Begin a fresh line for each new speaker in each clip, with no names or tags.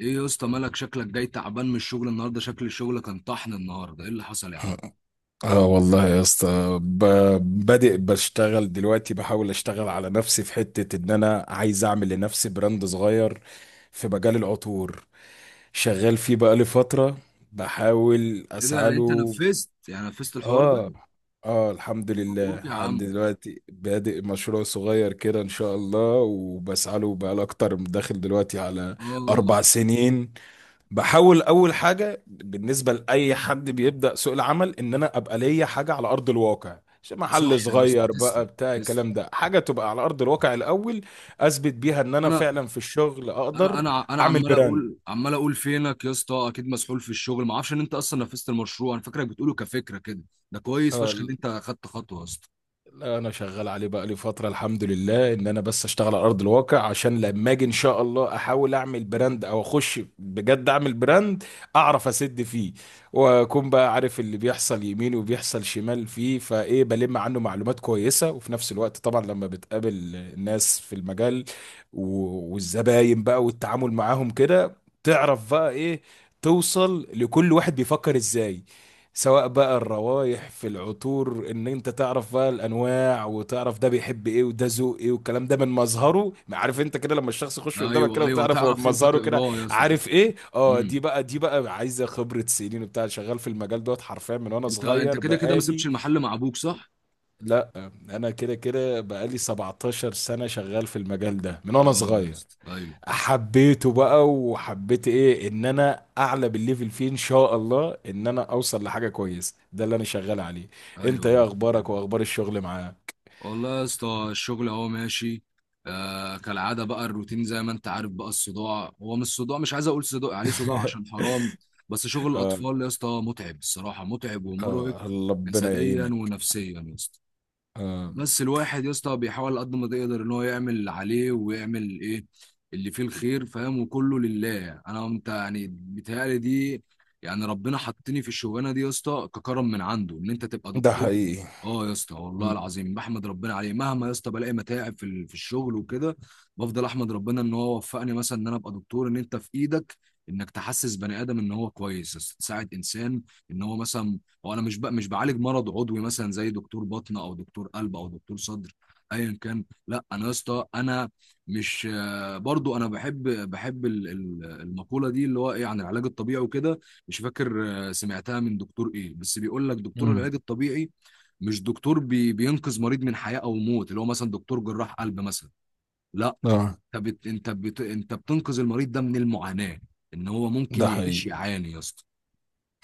ايه يا اسطى مالك؟ شكلك جاي تعبان من الشغل النهارده. شكل الشغل كان طحن النهارده، ايه اللي حصل يا عم؟
اه والله يا اسطى بادئ بشتغل دلوقتي، بحاول اشتغل على نفسي في حتة ان انا عايز اعمل لنفسي براند صغير في مجال العطور. شغال فيه بقالي فترة، بحاول
ايه ده؟
اسعى
يعني انت
له.
نفذت، يعني نفذت الحوار ده؟
اه اه الحمد
مبروك
لله
يا عم.
عندي دلوقتي بادئ مشروع صغير كده ان شاء الله، وبسعى له بقالي اكتر، داخل دلوقتي على
اه،
4 سنين. بحاول اول حاجه بالنسبه لاي حد بيبدا سوق العمل ان انا ابقى ليا حاجه على ارض الواقع، مش محل
صح يا اسطى،
صغير بقى
تسلم
بتاع
تسلم.
الكلام ده، حاجه تبقى على ارض الواقع الاول، اثبت بيها ان انا
انا
فعلا في الشغل
انا
اقدر
انا انا
اعمل
عمال
براند.
اقول عمال اقول فينك يا اسطى، اكيد مسحول في الشغل، ما اعرفش ان انت اصلا نفذت المشروع، انا فاكرك بتقوله كفكره كده. ده كويس
آه،
فشخ ان انت خدت خطوه يا اسطى.
لا انا شغال عليه بقى لي فتره الحمد لله، ان انا بس اشتغل على ارض الواقع عشان لما اجي ان شاء الله احاول اعمل براند او اخش بجد اعمل براند، اعرف اسد فيه، واكون بقى عارف اللي بيحصل يمين وبيحصل شمال فيه، فايه بلم عنه معلومات كويسه. وفي نفس الوقت طبعا لما بتقابل الناس في المجال والزباين بقى والتعامل معاهم كده، تعرف بقى ايه، توصل لكل واحد بيفكر ازاي، سواء بقى الروايح في العطور ان انت تعرف بقى الانواع، وتعرف ده بيحب ايه وده ذوق ايه، والكلام ده من مظهره. عارف انت كده لما الشخص يخش قدامك
ايوه
كده،
ايوه،
وتعرف هو
تعرف انت
مظهره كده
تقراه يا اسطى،
عارف
تسلم.
ايه. اه دي
امم.
بقى دي بقى عايزه خبره سنين وبتاع، شغال في المجال دوت حرفيا من وانا
انت
صغير.
كده كده ما سبتش
بقالي،
المحل مع ابوك، صح؟
لا انا كده كده بقالي 17 سنه شغال في المجال ده من وانا
اه يا
صغير.
اسطى. ايوه
حبيته بقى، وحبيت ايه ان انا اعلى بالليفل فيه ان شاء الله، ان انا اوصل لحاجه كويسه، ده اللي انا شغال عليه. انت
ايوه يا
ايه اخبارك
اسطى.
واخبار الشغل معاه؟
والله يا اسطى الشغل اهو ماشي. آه، كالعاده بقى، الروتين زي ما انت عارف بقى، الصداع، هو مش صداع، مش عايز اقول صداع عليه صداع عشان حرام. بس شغل
اه
الاطفال يا اسطى متعب الصراحه، متعب ومرهق.
اه الله ربنا
جسديا
يعينك.
ونفسيا يا اسطى.
آه
بس الواحد يا اسطى بيحاول قد ما يقدر ان هو يعمل اللي عليه، ويعمل ايه اللي فيه الخير، فاهم؟ وكله لله. انا انت يعني بيتهيألي دي، يعني ربنا حطني في الشغلانه دي يا اسطى ككرم من عنده، ان انت تبقى
ده
دكتور.
حقيقي.
اه يا اسطى، والله
م-
العظيم بحمد ربنا عليه. مهما يا اسطى بلاقي متاعب في الشغل وكده، بفضل احمد ربنا ان هو وفقني مثلا ان انا ابقى دكتور، ان انت في ايدك انك تحسس بني ادم ان هو كويس يا اسطى، تساعد انسان ان هو مثلا، هو انا مش بعالج مرض عضوي مثلا زي دكتور بطن او دكتور قلب او دكتور صدر، ايا كان. لا انا يا اسطى انا مش آه، برضو انا بحب المقوله دي اللي هو ايه عن العلاج الطبيعي وكده. مش فاكر، سمعتها من دكتور ايه، بس بيقول لك دكتور
م.
العلاج الطبيعي مش دكتور بينقذ مريض من حياه او موت اللي هو مثلا دكتور جراح قلب مثلا. لا،
اه
انت بتنقذ المريض ده من المعاناه، ان هو ممكن
ده
يعيش
حقيقي،
يعاني يا اسطى،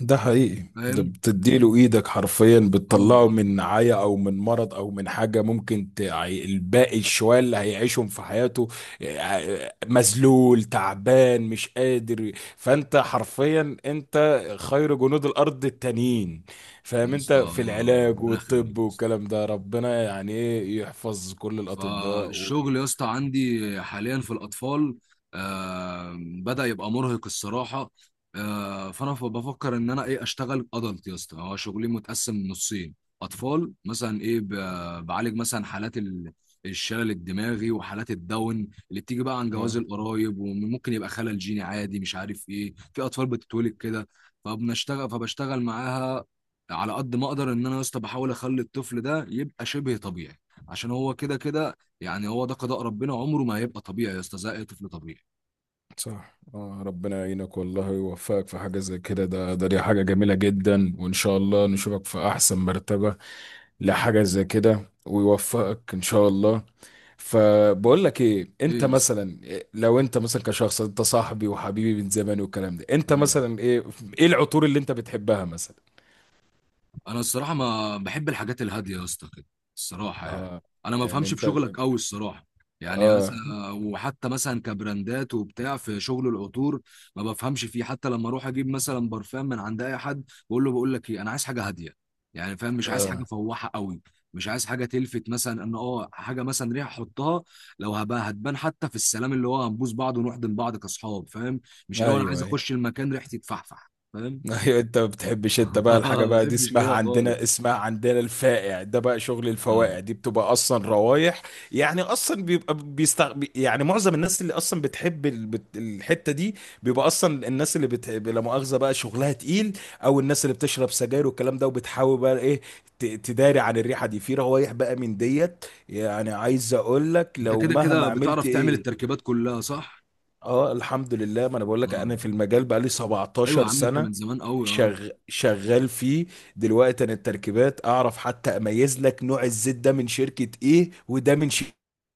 ده حقيقي، ده
فاهم؟
بتديله ايدك حرفيا،
اه،
بتطلعه
آه.
من نعاية او من مرض او من حاجة ممكن الباقي الشوية اللي هيعيشهم في حياته. مذلول تعبان مش قادر. فانت حرفيا انت خير جنود الارض التانيين،
يا
فاهم، انت
اسطى
في
آه،
العلاج
ربنا يخليك
والطب
يا اسطى.
والكلام ده. ربنا يعني ايه يحفظ كل الاطباء.
فالشغل يا اسطى عندي حاليا في الاطفال بدأ يبقى مرهق الصراحه. آه، فانا بفكر ان انا ايه، اشتغل ادلت يا اسطى. هو شغلي متقسم نصين، اطفال مثلا، ايه، بعالج مثلا حالات الشلل الدماغي وحالات الداون اللي بتيجي بقى عن
و...
جواز القرايب، وممكن يبقى خلل جيني عادي، مش عارف ايه، في اطفال بتتولد كده. فبشتغل معاها على قد ما اقدر، ان انا يا اسطى بحاول اخلي الطفل ده يبقى شبه طبيعي، عشان هو كده كده يعني، هو ده قضاء ربنا، عمره ما هيبقى طبيعي يا اسطى زي اي طفل طبيعي.
صح. ربنا يعينك والله ويوفقك في حاجة زي كده، ده ده دي حاجة جميلة جدا، وإن شاء الله نشوفك في أحسن مرتبة لحاجة زي كده، ويوفقك إن شاء الله. فبقول لك إيه،
ايه
أنت
يا اسطى؟
مثلا إيه، لو أنت مثلا كشخص، أنت صاحبي وحبيبي من زمان والكلام ده، أنت
أيوة.
مثلا إيه، إيه العطور اللي أنت بتحبها مثلا؟
انا الصراحه ما بحب الحاجات الهاديه يا اسطى كده، الصراحه يعني.
آه
انا ما
يعني
بفهمش في
أنت،
شغلك قوي الصراحه،
آه
يعني
آه
مثلا، وحتى مثلا كبراندات وبتاع في شغل العطور ما بفهمش فيه. حتى لما اروح اجيب مثلا برفان من عند اي حد، بقول لك ايه، انا عايز حاجه هاديه، يعني، فاهم؟ مش عايز حاجه
آه،
فواحه قوي، مش عايز حاجه تلفت، مثلا ان حاجه مثلا ريحه احطها لو هبقى، هتبان حتى في السلام اللي هو هنبوس بعض ونحضن بعض كاصحاب، فاهم؟ مش اللي
أيوه
هو انا عايز
أيوه.
اخش المكان ريحتي تفحفح، فاهم؟
ايوه انت ما بتحبش. انت بقى الحاجه
ما
بقى دي
بحبش
اسمها
كده
عندنا،
خالص.
اسمها عندنا الفائع، ده بقى شغل
اه،
الفوائع، دي بتبقى اصلا روايح يعني اصلا يعني معظم الناس اللي اصلا بتحب الحته دي، بيبقى اصلا الناس اللي بتحب لا مؤاخذه بقى شغلها تقيل، او الناس اللي بتشرب سجاير والكلام ده، وبتحاول بقى ايه تداري عن الريحه دي في روايح، بقى من ديت يعني عايز اقول لك
انت
لو
كده
مهما
كده
عملت
بتعرف تعمل
ايه.
التركيبات كلها، صح؟
اه الحمد لله، ما انا بقول لك
اه،
انا في المجال بقى لي
ايوه يا
17
عم، انت
سنه
من زمان قوي. اه
شغال فيه. دلوقتي انا التركيبات اعرف حتى اميز لك نوع الزيت ده من شركة ايه، وده من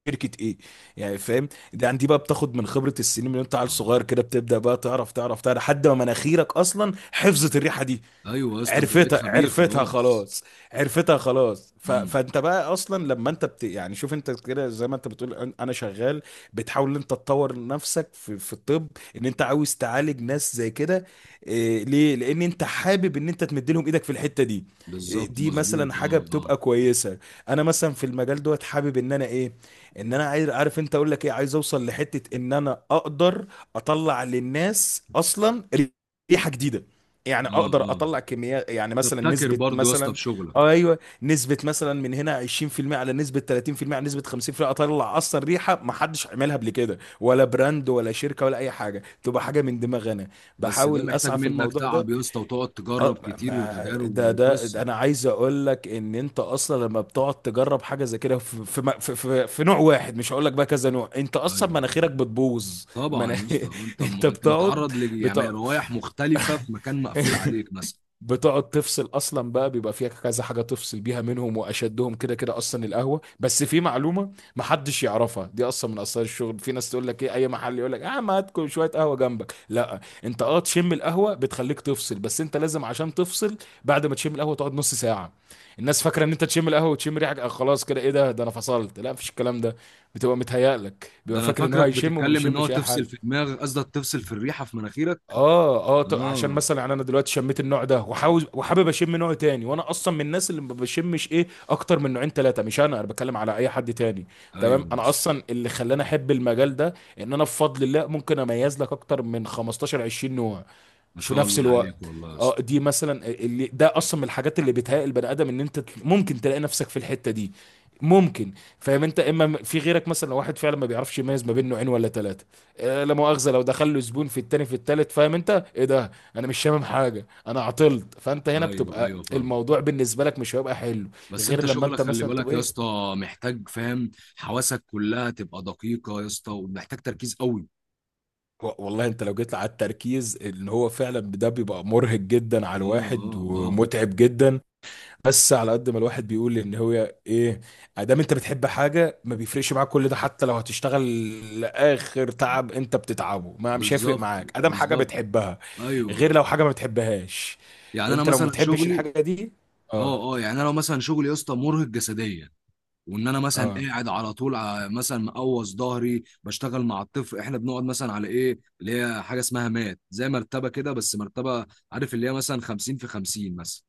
شركة ايه، يعني فاهم. ده عندي بقى، بتاخد من خبرة السنين، من انت عيل
اه،
صغير كده بتبدأ بقى تعرف تعرف تعرف لحد ما مناخيرك اصلا حفظت الريحة دي،
ايوه يا اسطى، انت بقيت
عرفتها
خبير
عرفتها
خلاص.
خلاص، خلاص.
امم.
فانت بقى اصلا لما انت يعني شوف انت كده زي ما انت بتقول انا شغال، بتحاول ان انت تطور نفسك في الطب، ان انت عاوز تعالج ناس زي كده ليه، لان انت حابب ان انت تمد لهم ايدك في الحتة دي. إيه،
بالظبط،
دي مثلا
مظبوط،
حاجة
اه اه
بتبقى كويسة. انا مثلا في المجال دوت حابب ان انا ايه، ان انا عايز، عارف انت اقول لك ايه، عايز اوصل لحتة ان انا اقدر اطلع للناس اصلا ريحة جديدة، يعني
اه.
اقدر
اه،
اطلع كميات، يعني مثلا
تبتكر
نسبه
برضه يا اسطى
مثلا.
في شغلك.
اه ايوه، نسبه مثلا من هنا 20% على نسبه 30% على نسبه 50%، اطلع اصلا ريحه ما حدش عملها قبل كده، ولا براند ولا شركه ولا اي حاجه، تبقى حاجه من دماغي انا.
بس ده
بحاول
محتاج
اسعى في
منك
الموضوع
تعب
ده.
يا اسطى، وتقعد تجرب
اه
كتير،
ما
وتجارب
ده ده,
وقصه.
ده انا عايز اقول لك ان انت اصلا لما بتقعد تجرب حاجه زي كده، في في, م- في, في, في نوع واحد، مش هقول لك بقى كذا نوع، انت اصلا
ايوه.
مناخيرك بتبوظ
طبعا يا اسطى.
انت
انت
بتقعد
متعرض ل، يعني،
بتقعد
روايح مختلفه في مكان مقفول عليك مثلا.
بتقعد تفصل اصلا بقى. بيبقى فيها كذا حاجه تفصل بيها منهم، واشدهم كده كده اصلا القهوه. بس في معلومه محدش يعرفها، دي اصلا من اسرار الشغل، في ناس تقول لك ايه، اي محل يقول لك اه ما هاتكم شويه قهوه جنبك، لا انت، اه تشم القهوه بتخليك تفصل، بس انت لازم عشان تفصل بعد ما تشم القهوه تقعد نص ساعه. الناس فاكره ان انت تشم القهوه وتشم ريحه خلاص كده ايه ده، ده انا فصلت، لا مفيش الكلام ده، بتبقى متهيألك
ده
بيبقى
انا
فاكر ان هو
فاكرك
هيشم، وما
بتتكلم ان هو
بيشمش اي
تفصل
حاجه.
في دماغك، قصدك تفصل في الريحه في مناخيرك.
عشان
اه،
مثلا يعني انا دلوقتي شميت النوع ده، وحاوز وحابب اشم نوع تاني، وانا اصلا من الناس اللي ما بشمش ايه اكتر من نوعين ثلاثه، مش انا، انا بتكلم على اي حد تاني. تمام،
ايوه يا
انا
اسطى.
اصلا اللي خلاني احب المجال ده، ان انا بفضل الله ممكن اميز لك اكتر من 15 20 نوع
ما
في
شاء
نفس
الله عليك
الوقت.
والله يا
اه
اسطى.
دي مثلا اللي ده اصلا من الحاجات اللي بتهيئ البني ادم، ان انت ممكن تلاقي نفسك في الحته دي، ممكن. فاهم انت، في غيرك مثلا، لو واحد فعلا ما بيعرفش يميز ما بين نوعين ولا ثلاثه، لا مؤاخذه لو دخل له زبون في التاني في التالت، فاهم انت ايه ده، انا مش شامم حاجه انا عطلت، فانت هنا
ايوه
بتبقى
ايوه، فاهم.
الموضوع بالنسبه لك مش هيبقى حلو،
بس
غير
انت
لما
شغلك
انت
خلي
مثلا
بالك
تبقى
يا
ايه.
اسطى، محتاج، فاهم؟ حواسك كلها تبقى دقيقة يا اسطى، ومحتاج تركيز قوي.
والله انت لو جيت على التركيز، ان هو فعلا ده بيبقى مرهق جدا على
اه اه
الواحد،
اه،
ومتعب جدا. بس على قد ما الواحد بيقول ان هو ايه، ادام انت بتحب حاجه ما بيفرقش معاك كل ده، حتى لو هتشتغل لاخر تعب انت بتتعبه ما مش هيفرق
بالظبط
معاك، ادام حاجه
بالظبط،
بتحبها، غير
ايوه.
لو حاجه ما بتحبهاش،
يعني انا
انت لو ما
مثلا
بتحبش
شغلي،
الحاجه دي. اه
اه اه، يعني انا لو مثلا شغلي يا اسطى مرهق جسديا، وان انا مثلا
اه
قاعد على طول، مثلا مقوص ظهري بشتغل مع الطفل، احنا بنقعد مثلا على ايه اللي هي حاجه اسمها مات زي مرتبه كده، بس مرتبه، عارف اللي هي مثلا 50 في 50 مثلا،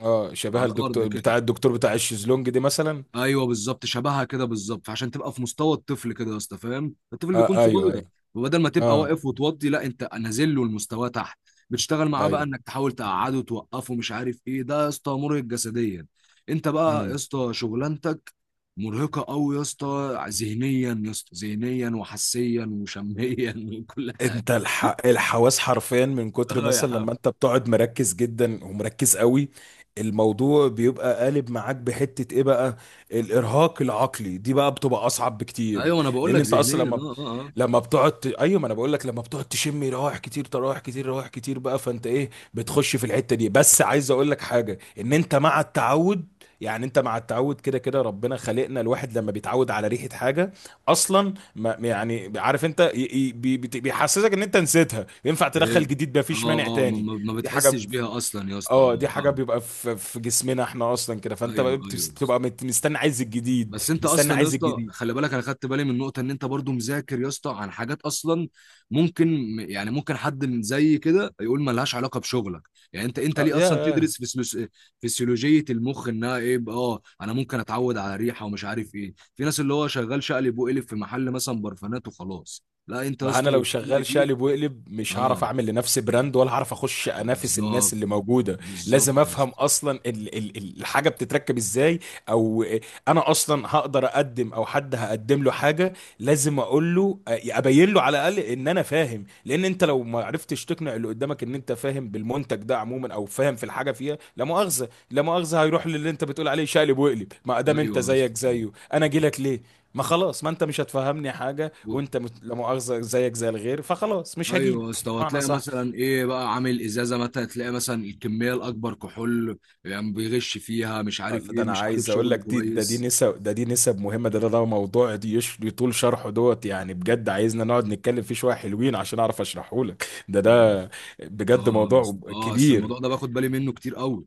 اه، شبه
على الارض
الدكتور
كده.
بتاع، الدكتور بتاع الشيزلونج دي مثلا.
ايوه بالظبط، شبهها كده بالظبط، فعشان تبقى في مستوى الطفل كده يا اسطى، فاهم؟ الطفل بيكون
اه ايوه
صغير،
ايوه.
وبدل ما تبقى
اه
واقف وتوضي، لا، انت نازل له المستوى تحت، بتشتغل معاه بقى
ايوه.
انك تحاول تقعده، توقفه، مش عارف ايه، ده يا اسطى مرهق جسديا. انت بقى يا
امم
اسطى شغلانتك مرهقه قوي يا اسطى ذهنيا، يا اسطى ذهنيا وحسيا وشميا وكل حاجه.
انت الحواس حرفيا، من كتر
اه يا
مثلا
عم.
لما انت بتقعد مركز جدا ومركز قوي، الموضوع بيبقى قالب معاك بحتة ايه بقى، الارهاق العقلي دي بقى بتبقى اصعب بكتير.
ايوه، انا بقول
لان
لك
انت اصلا
ذهنيا،
لما
اه اه اه.
بتقعد ايوه ما انا بقول لك، لما بتقعد تشم روايح كتير، تراوح كتير، روايح كتير بقى، فانت ايه بتخش في الحتة دي. بس عايز اقول لك حاجة، ان انت مع التعود، يعني انت مع التعود كده كده، ربنا خلقنا الواحد لما بيتعود على ريحة حاجة اصلا، ما يعني عارف انت بيحسسك ان انت نسيتها، ينفع تدخل
فاهم،
جديد
اه
مفيش مانع
اه،
تاني.
ما
دي حاجه
بتحسش
ب...
بيها اصلا يا اسطى، اه.
اه دي حاجه
فاهم.
بيبقى في جسمنا احنا اصلا كده، فانت
ايوه
بقى
ايوه.
بتبقى مستني عايز الجديد،
بس انت
مستني
اصلا يا
عايز
اسطى
الجديد.
خلي بالك، انا خدت بالي من النقطه ان انت برضو مذاكر يا اسطى عن حاجات اصلا، ممكن، يعني ممكن حد من زي كده يقول ما لهاش علاقه بشغلك. يعني انت
اه
ليه
يا
اصلا تدرس فسلوس... فسيولوجيه المخ؟ انها ايه بقى، اه، انا ممكن اتعود على ريحه، ومش عارف ايه، في ناس اللي هو شغال شقلب وقلب في محل مثلا برفانات وخلاص، لا، انت يا
ما انا
اسطى.
لو
اللي
شغال
فيه،
شقلب وقلب مش هعرف
اه،
اعمل لنفسي براند، ولا هعرف اخش انافس الناس
بالظبط
اللي موجوده.
بالظبط
لازم
يا
افهم
اسطى.
اصلا الحاجه بتتركب ازاي، او انا اصلا هقدر اقدم، او حد هقدم له حاجه، لازم اقول له، ابين له على الاقل ان انا فاهم، لان انت لو ما عرفتش تقنع اللي قدامك ان انت فاهم بالمنتج ده عموما، او فاهم في الحاجه فيها، لا مؤاخذه هيروح للي انت بتقول عليه شقلب وقلب، ما ادام انت
ايوه يا
زيك
اسطى.
زيه انا اجي لك ليه، ما خلاص ما انت مش هتفهمني حاجه، وانت لا مؤاخذه زيك زي الغير، فخلاص مش
ايوه يا
هجيلك
اسطى،
معنى
وهتلاقي
صح.
مثلا ايه بقى عامل ازازه، مثلا تلاقي مثلا الكميه الاكبر كحول، يعني بيغش فيها، مش عارف
ده
ايه،
انا
مش عارف
عايز اقول لك،
شغل
دي
كويس
نسب، دي نسب مهمه، ده موضوع دي يشلي طول شرحه دوت، يعني بجد عايزنا نقعد نتكلم فيه شويه حلوين عشان اعرف اشرحه لك،
يعني.
ده بجد
اه يا
موضوع
اسطى اه، بس
كبير.
الموضوع ده باخد بالي منه كتير قوي.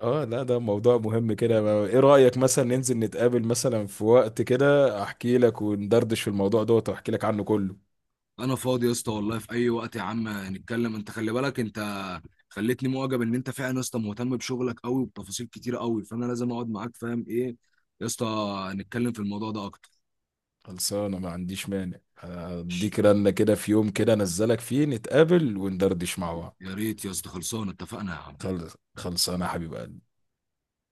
اه لا ده موضوع مهم كده. ايه رأيك مثلا ننزل نتقابل مثلا في وقت كده، احكي لك وندردش في الموضوع دوت، واحكي لك عنه كله.
انا فاضي يا اسطى والله في اي وقت يا عم، نتكلم. انت خلي بالك، انت خليتني معجب ان انت فعلا يا اسطى مهتم بشغلك قوي وبتفاصيل كتيره قوي، فانا لازم اقعد معاك، فاهم ايه يا اسطى، نتكلم في الموضوع ده اكتر.
خلصانه، ما عنديش مانع، هديك رنة كده في يوم كده، انزلك فيه نتقابل وندردش مع بعض.
يا ريت يا اسطى، خلصانه، اتفقنا يا عم.
خلص خلص، انا حبيب قلبي.